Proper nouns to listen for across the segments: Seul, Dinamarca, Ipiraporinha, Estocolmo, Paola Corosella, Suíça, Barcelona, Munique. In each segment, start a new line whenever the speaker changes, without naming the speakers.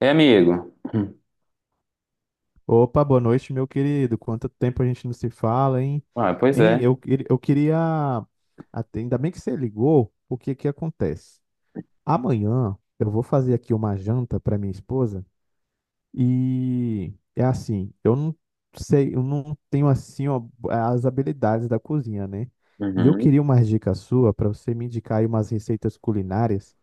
É, amigo. Hum.
Opa, boa noite, meu querido. Quanto tempo a gente não se fala, hein?
Ah, pois
Hein?
é.
Ainda bem que você ligou, porque que acontece? Amanhã eu vou fazer aqui uma janta para minha esposa, e é assim, eu não sei, eu não tenho assim ó, as habilidades da cozinha, né? E eu
Uhum.
queria uma dica sua para você me indicar aí umas receitas culinárias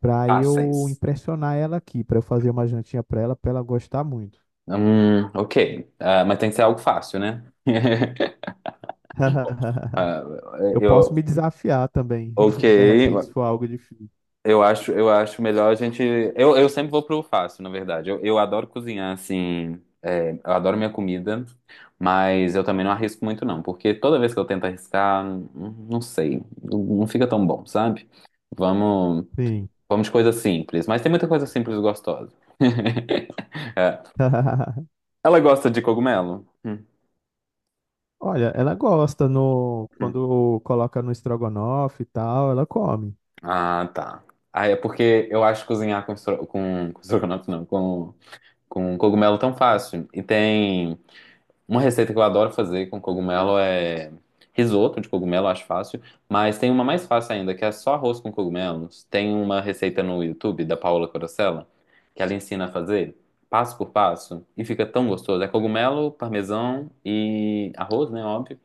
para eu
Fáceis.
impressionar ela aqui, para eu fazer uma jantinha para ela gostar muito.
Ok. Ah, mas tem que ser algo fácil, né? Ah,
Eu
eu,
posso me desafiar também, de repente, se
ok.
for algo difícil.
Eu acho melhor a gente. Eu sempre vou pro fácil, na verdade. Eu adoro cozinhar, assim. É, eu adoro minha comida, mas eu também não arrisco muito, não, porque toda vez que eu tento arriscar, não sei, não fica tão bom, sabe? Vamos,
Sim.
vamos de coisa simples, mas tem muita coisa simples e gostosa. É, ela gosta de cogumelo?
Olha, ela gosta no
Hum.
quando coloca no estrogonofe e tal, ela come.
Ah, tá. Ah, é porque eu acho cozinhar com, estro... com estrogonofe, não, com cogumelo tão fácil. E tem uma receita que eu adoro fazer com cogumelo é risoto de cogumelo, acho fácil. Mas tem uma mais fácil ainda, que é só arroz com cogumelos. Tem uma receita no YouTube da Paola Corosella, que ela ensina a fazer passo por passo e fica tão gostoso. É cogumelo, parmesão e arroz, né? Óbvio.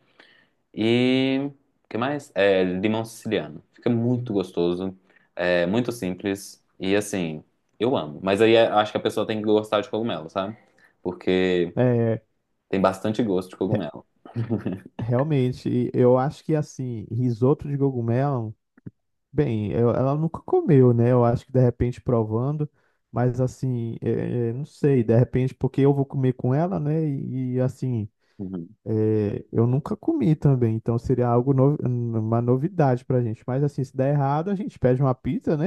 E o que mais? É, limão siciliano. Fica muito gostoso, é muito simples e assim, eu amo. Mas aí acho que a pessoa tem que gostar de cogumelo, sabe? Porque
É,
tem bastante gosto de
re-
cogumelo.
realmente, eu acho que assim, risoto de cogumelo, bem, eu- ela nunca comeu, né? Eu acho que de repente provando, mas assim, é, não sei, de repente porque eu vou comer com ela, né? E, assim,
Uhum.
é, eu nunca comi também, então seria algo no- uma novidade pra gente. Mas assim, se der errado, a gente pede uma pizza, né?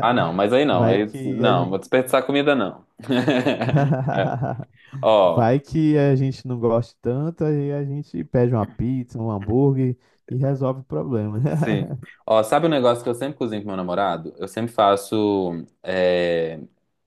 Ah, não, mas
Vai
aí
que a
não, vou
gente.
desperdiçar comida não. É. Ó,
Vai que a gente não gosta tanto, aí a gente pede uma pizza, um hambúrguer e resolve o problema.
sim. Ó, sabe um negócio que eu sempre cozinho com meu namorado? Eu sempre faço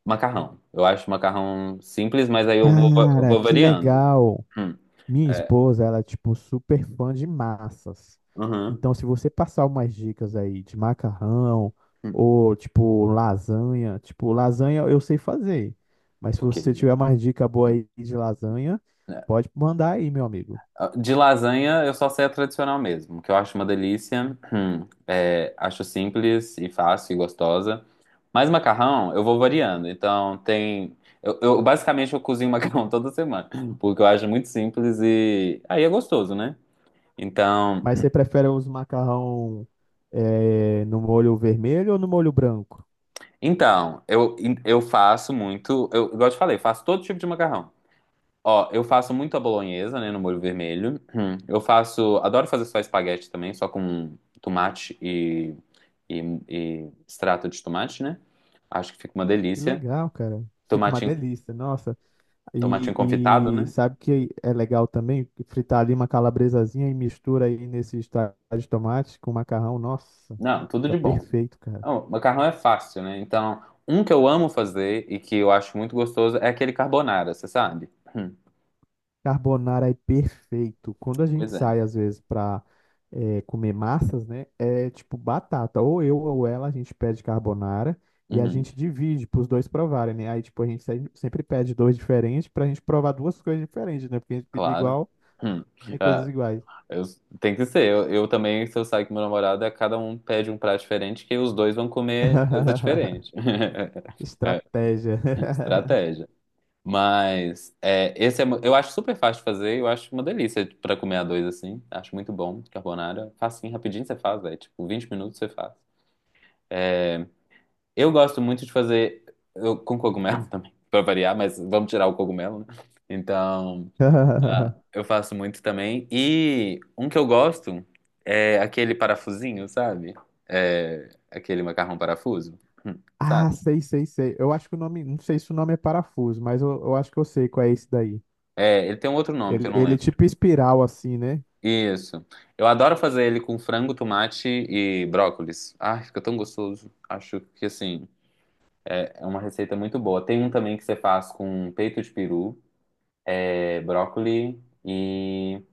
macarrão. Eu acho macarrão simples, mas eu
Cara,
vou
que
variando.
legal!
Hum,
Minha
é.
esposa, ela é tipo super fã de massas.
Uhum.
Então, se você passar umas dicas aí de macarrão
Hum,
ou tipo lasanha eu sei fazer, mas se
ok.
você tiver mais dica boa aí de lasanha,
É,
pode mandar aí, meu amigo.
ah, de lasanha, eu só sei a tradicional mesmo, que eu acho uma delícia. É, acho simples e fácil e gostosa. Mas macarrão, eu vou variando. Então, tem. Basicamente eu cozinho macarrão toda semana, porque eu acho muito simples e aí é gostoso, né? Então,
Mas você prefere os macarrão no molho vermelho ou no molho branco?
então, eu faço muito. Eu, igual eu te falei, faço todo tipo de macarrão. Ó, eu faço muito a bolonhesa, né, no molho vermelho. Hum. Eu faço, adoro fazer só espaguete também, só com tomate e, e extrato de tomate, né? Acho que fica uma
Que
delícia.
legal, cara. Fica uma
Tomatinho,
delícia. Nossa,
tomatinho confitado,
e
né?
sabe que é legal também fritar ali uma calabresazinha e mistura aí nesse extrato de tomate com macarrão. Nossa,
Não, tudo
fica
de bom.
perfeito, cara.
Não, macarrão é fácil, né? Então, um que eu amo fazer e que eu acho muito gostoso é aquele carbonara, você sabe? Hum.
Carbonara é perfeito. Quando a
Pois
gente
é.
sai, às vezes, para comer massas, né? É tipo batata. Ou eu ou ela, a gente pede carbonara e a
Uhum.
gente divide para os dois provarem, né? Aí, tipo, a gente sempre pede dois diferentes para a gente provar duas coisas diferentes, né? Porque a gente pedir
Claro.
igual,
Hum.
tem coisas iguais.
Eu- tem que ser. Eu também, se eu sair com meu namorado, é cada um pede um prato diferente que os dois vão comer coisa diferente. É,
Estratégia.
estratégia. Mas esse eu acho super fácil de fazer. Eu acho uma delícia pra comer a dois assim. Acho muito bom. Carbonara. Facinho, rapidinho você faz, velho. Tipo, 20 minutos você faz. Eu gosto muito de fazer com cogumelo também, pra variar, mas vamos tirar o cogumelo, né? Então. Ah, eu faço muito também. E um que eu gosto é aquele parafusinho, sabe? É aquele macarrão parafuso, Hum, sabe?
Ah, sei, sei, sei. Eu acho que o nome, não sei se o nome é parafuso, mas eu acho que eu sei qual é esse daí.
É, ele tem um outro nome que
Ele,
eu não
ele é
lembro.
tipo espiral assim, né?
Isso. Eu adoro fazer ele com frango, tomate e brócolis. Ai, fica tão gostoso. Acho que assim, é uma receita muito boa. Tem um também que você faz com peito de peru, é, brócoli e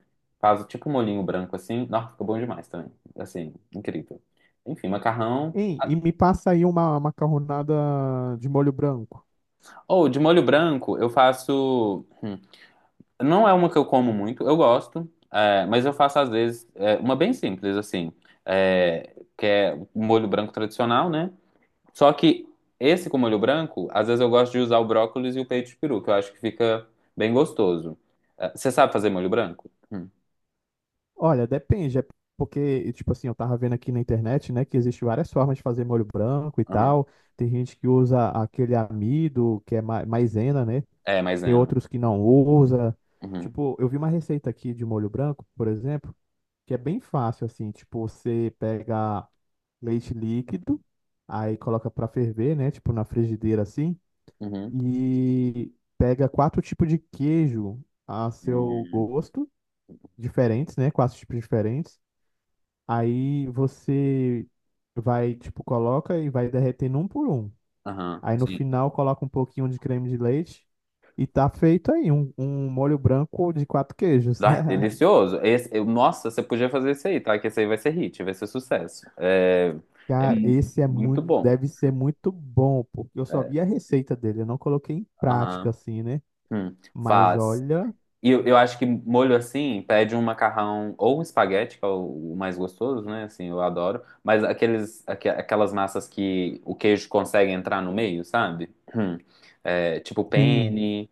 faz tipo um molhinho branco assim. Nossa, fica bom demais também. Assim, incrível. Enfim, macarrão.
Hein, e me passa aí uma macarronada de molho branco.
Ou de molho branco, eu faço. Não é uma que eu como muito, eu gosto, é, mas eu faço às vezes é, uma bem simples, assim, é, que é o molho branco tradicional, né? Só que esse com molho branco, às vezes eu gosto de usar o brócolis e o peito de peru, que eu acho que fica bem gostoso. É, você sabe fazer molho branco?
Olha, depende, é porque, tipo assim, eu tava vendo aqui na internet, né, que existe várias formas de fazer molho branco e
Aham.
tal. Tem gente que usa aquele amido, que é maisena, né?
É,
Tem
maisena.
outros que não usa.
Uhum,
Tipo, eu vi uma receita aqui de molho branco, por exemplo, que é bem fácil assim, tipo, você pega leite líquido, aí coloca pra ferver, né, tipo na frigideira assim,
uhum,
e pega quatro tipos de queijo a seu
hum,
gosto, diferentes, né, quatro tipos diferentes. Aí você vai, tipo, coloca e vai derretendo um por um.
aham,
Aí no
sim.
final coloca um pouquinho de creme de leite e tá feito aí um molho branco de quatro queijos.
Ah, delicioso. Esse, nossa, você podia fazer isso aí, tá? Que esse aí vai ser hit, vai ser sucesso. É, é
Cara,
mu-
esse é
muito
muito,
bom.
deve ser muito bom, porque eu só vi a receita dele, eu não coloquei em prática
Aham.
assim, né?
Hum,
Mas
faz.
olha,
E eu acho que molho assim pede um macarrão ou um espaguete, que é o mais gostoso, né? Assim, eu adoro. Mas aquelas massas que o queijo consegue entrar no meio, sabe? Hum. É, tipo
sim,
penne.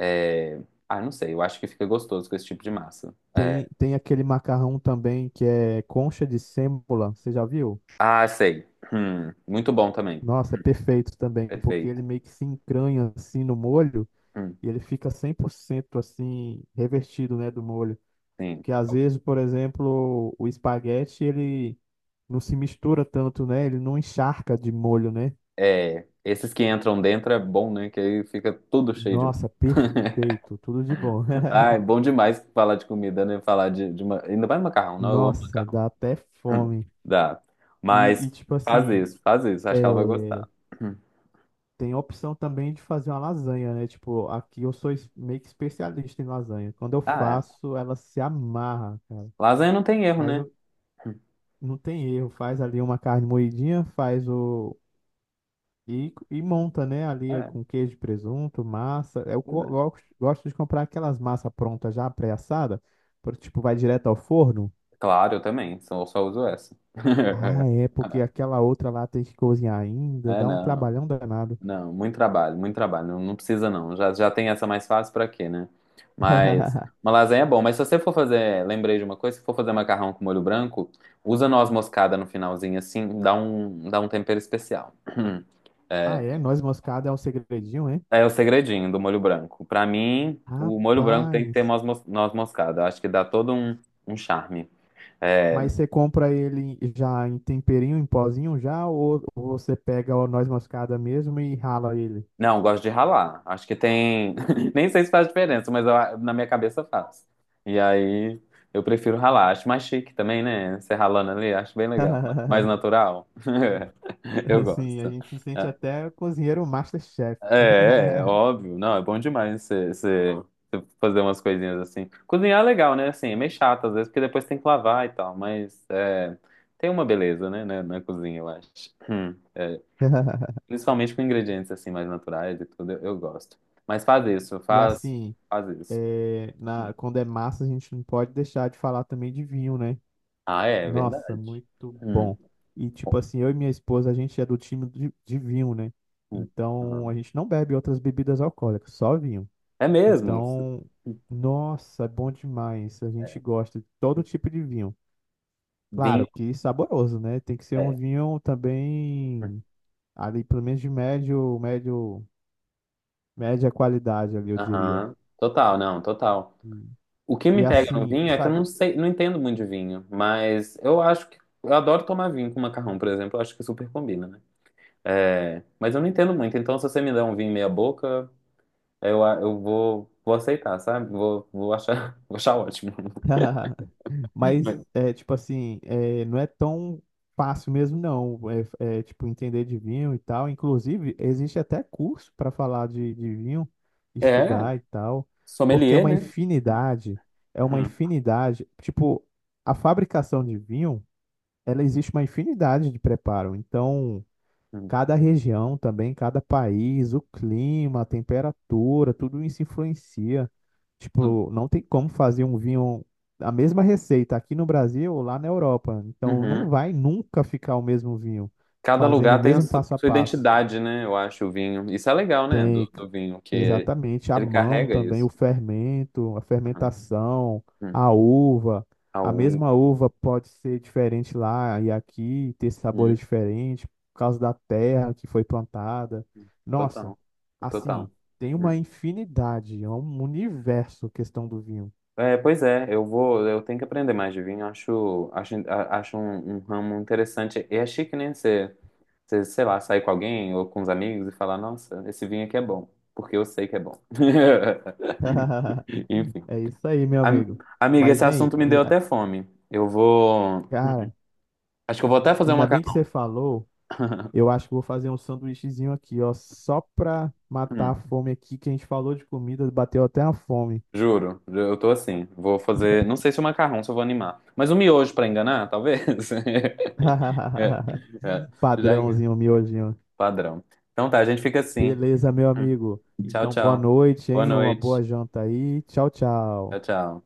É, ah, não sei. Eu acho que fica gostoso com esse tipo de massa. É,
tem aquele macarrão também que é concha de sêmola, você já viu?
ah, sei. Muito bom também.
Nossa, é perfeito também, porque ele
Perfeito.
meio que se encranha assim no molho
Hum.
e ele fica 100% assim revertido, né, do molho.
Sim.
Que às vezes, por exemplo, o espaguete ele não se mistura tanto, né? Ele não encharca de molho, né?
É, esses que entram dentro é bom, né? Que aí fica tudo cheio de.
Nossa, perfeito, tudo de bom.
Ah, é bom demais falar de comida, né? Falar de, ainda mais macarrão, não? Eu amo
Nossa,
macarrão.
dá até fome.
Dá.
E,
Mas
tipo assim,
faz isso. Acho que ela vai
é,
gostar.
tem a opção também de fazer uma lasanha, né? Tipo, aqui eu sou meio que especialista em lasanha. Quando eu
Ah, é.
faço, ela se amarra, cara.
Lasanha não tem erro,
Mas
né?
eu, não tem erro, faz ali uma carne moidinha, faz o. E, e monta, né? Ali é
É,
com queijo, presunto, massa. Eu
pois
go-
é.
gosto gosto de comprar aquelas massas prontas já pré-assada, por- tipo, vai direto ao forno.
Claro, eu também. Só, só uso essa.
Ah, é, porque aquela outra lá tem que cozinhar ainda,
É,
dá um
não.
trabalhão danado.
Não, muito trabalho, muito trabalho. Não, não precisa, não. Já, já tem essa mais fácil pra quê, né? Mas uma lasanha é bom. Mas se você for fazer, lembrei de uma coisa, se for fazer macarrão com molho branco, usa noz moscada no finalzinho, assim, dá dá um tempero especial.
Ah,
É,
é? Noz moscada é um segredinho, hein?
é o segredinho do molho branco. Pra mim, o molho branco tem que ter
Rapaz.
noz moscada. Eu acho que dá todo um charme. É,
Mas você compra ele já em temperinho, em pozinho já, ou você pega o noz moscada mesmo e rala ele?
não, gosto de ralar. Acho que tem. Nem sei se faz diferença, mas na minha cabeça faz. E aí eu prefiro ralar. Acho mais chique também, né? Você ralando ali, acho bem legal. Mais natural. Eu
Assim, a
gosto.
gente se sente
É,
até cozinheiro MasterChef.
é, óbvio. Não, é bom demais você fazer umas coisinhas assim. Cozinhar é legal, né? Assim, é meio chato às vezes, porque depois tem que lavar e tal, mas é, tem uma beleza, né? Na cozinha, eu acho. Principalmente com ingredientes assim mais naturais e tudo, eu gosto. Mas
E assim,
faz isso.
é, na, quando é massa, a gente não pode deixar de falar também de vinho, né?
Ah, é, é
Nossa,
verdade.
muito
Hum,
bom. E tipo assim, eu e minha esposa, a gente é do time de vinho, né?
hum,
Então a
aham.
gente não bebe outras bebidas alcoólicas, só vinho.
É mesmo.
Então, nossa, é bom demais. A
É,
gente gosta de todo tipo de vinho.
vinho,
Claro que saboroso, né? Tem que ser um
é.
vinho também ali, pelo menos de média qualidade ali, eu diria.
Aham. Total, não, total.
E
O que
e
me pega no
assim,
vinho é que eu
sabe,
não sei, não entendo muito de vinho, mas eu acho que eu adoro tomar vinho com macarrão, por exemplo, eu acho que super combina, né? É, mas eu não entendo muito, então se você me der um vinho meia boca, eu vou aceitar, sabe? Vou achar, vou achar ótimo.
mas é tipo assim, é, não é tão fácil mesmo não, é, é, tipo entender de vinho e tal. Inclusive, existe até curso para falar de vinho,
É,
estudar e tal, porque
sommelier, né?
é uma
Uhum.
infinidade, tipo, a fabricação de vinho, ela existe uma infinidade de preparo. Então,
Uhum.
cada região também, cada país, o clima, a temperatura, tudo isso influencia.
Tu-
Tipo, não tem como fazer um vinho, a mesma receita aqui no Brasil ou lá na Europa. Então, não
uhum.
vai nunca ficar o mesmo vinho,
Cada
fazendo o
lugar tem o
mesmo passo a
sua
passo.
identidade, né? Eu acho, o vinho. Isso é legal, né?
Tem c-
Do vinho, que
Exatamente a
ele
mão
carrega
também, o
isso.
fermento, a
Uhum.
fermentação,
Uhum.
a uva.
A
A mesma
uva.
uva pode ser diferente lá e aqui, ter sabores
Uhum.
diferentes por causa da terra que foi plantada. Nossa,
Total. Total.
assim, tem uma
Uhum.
infinidade, é um universo questão do vinho.
É, pois é, eu tenho que aprender mais de vinho. Acho, acho um, um ramo interessante. E é chique, né? Você, sei lá, sair com alguém ou com os amigos e falar, nossa, esse vinho aqui é bom, porque eu sei que é bom. Enfim.
É isso aí, meu amigo.
Amiga,
Mas,
esse
hein,
assunto me
hein,
deu até fome. Eu vou.
cara,
Acho que eu vou até fazer um
ainda bem que
macarrão.
você falou. Eu acho que vou fazer um sanduíchezinho aqui, ó, só pra matar a
Hum,
fome aqui, que a gente falou de comida, bateu até a fome.
juro, eu tô assim. Vou fazer. Não sei se o macarrão, se eu vou animar. Mas um miojo pra enganar, talvez. É, é. Já engan-
Padrãozinho, miojinho.
padrão. Então tá, a gente fica assim.
Beleza, meu
Hum,
amigo.
Tchau,
Então, boa
tchau.
noite,
Boa
hein? Uma boa
noite.
janta aí. Tchau, tchau.
Tchau, tchau.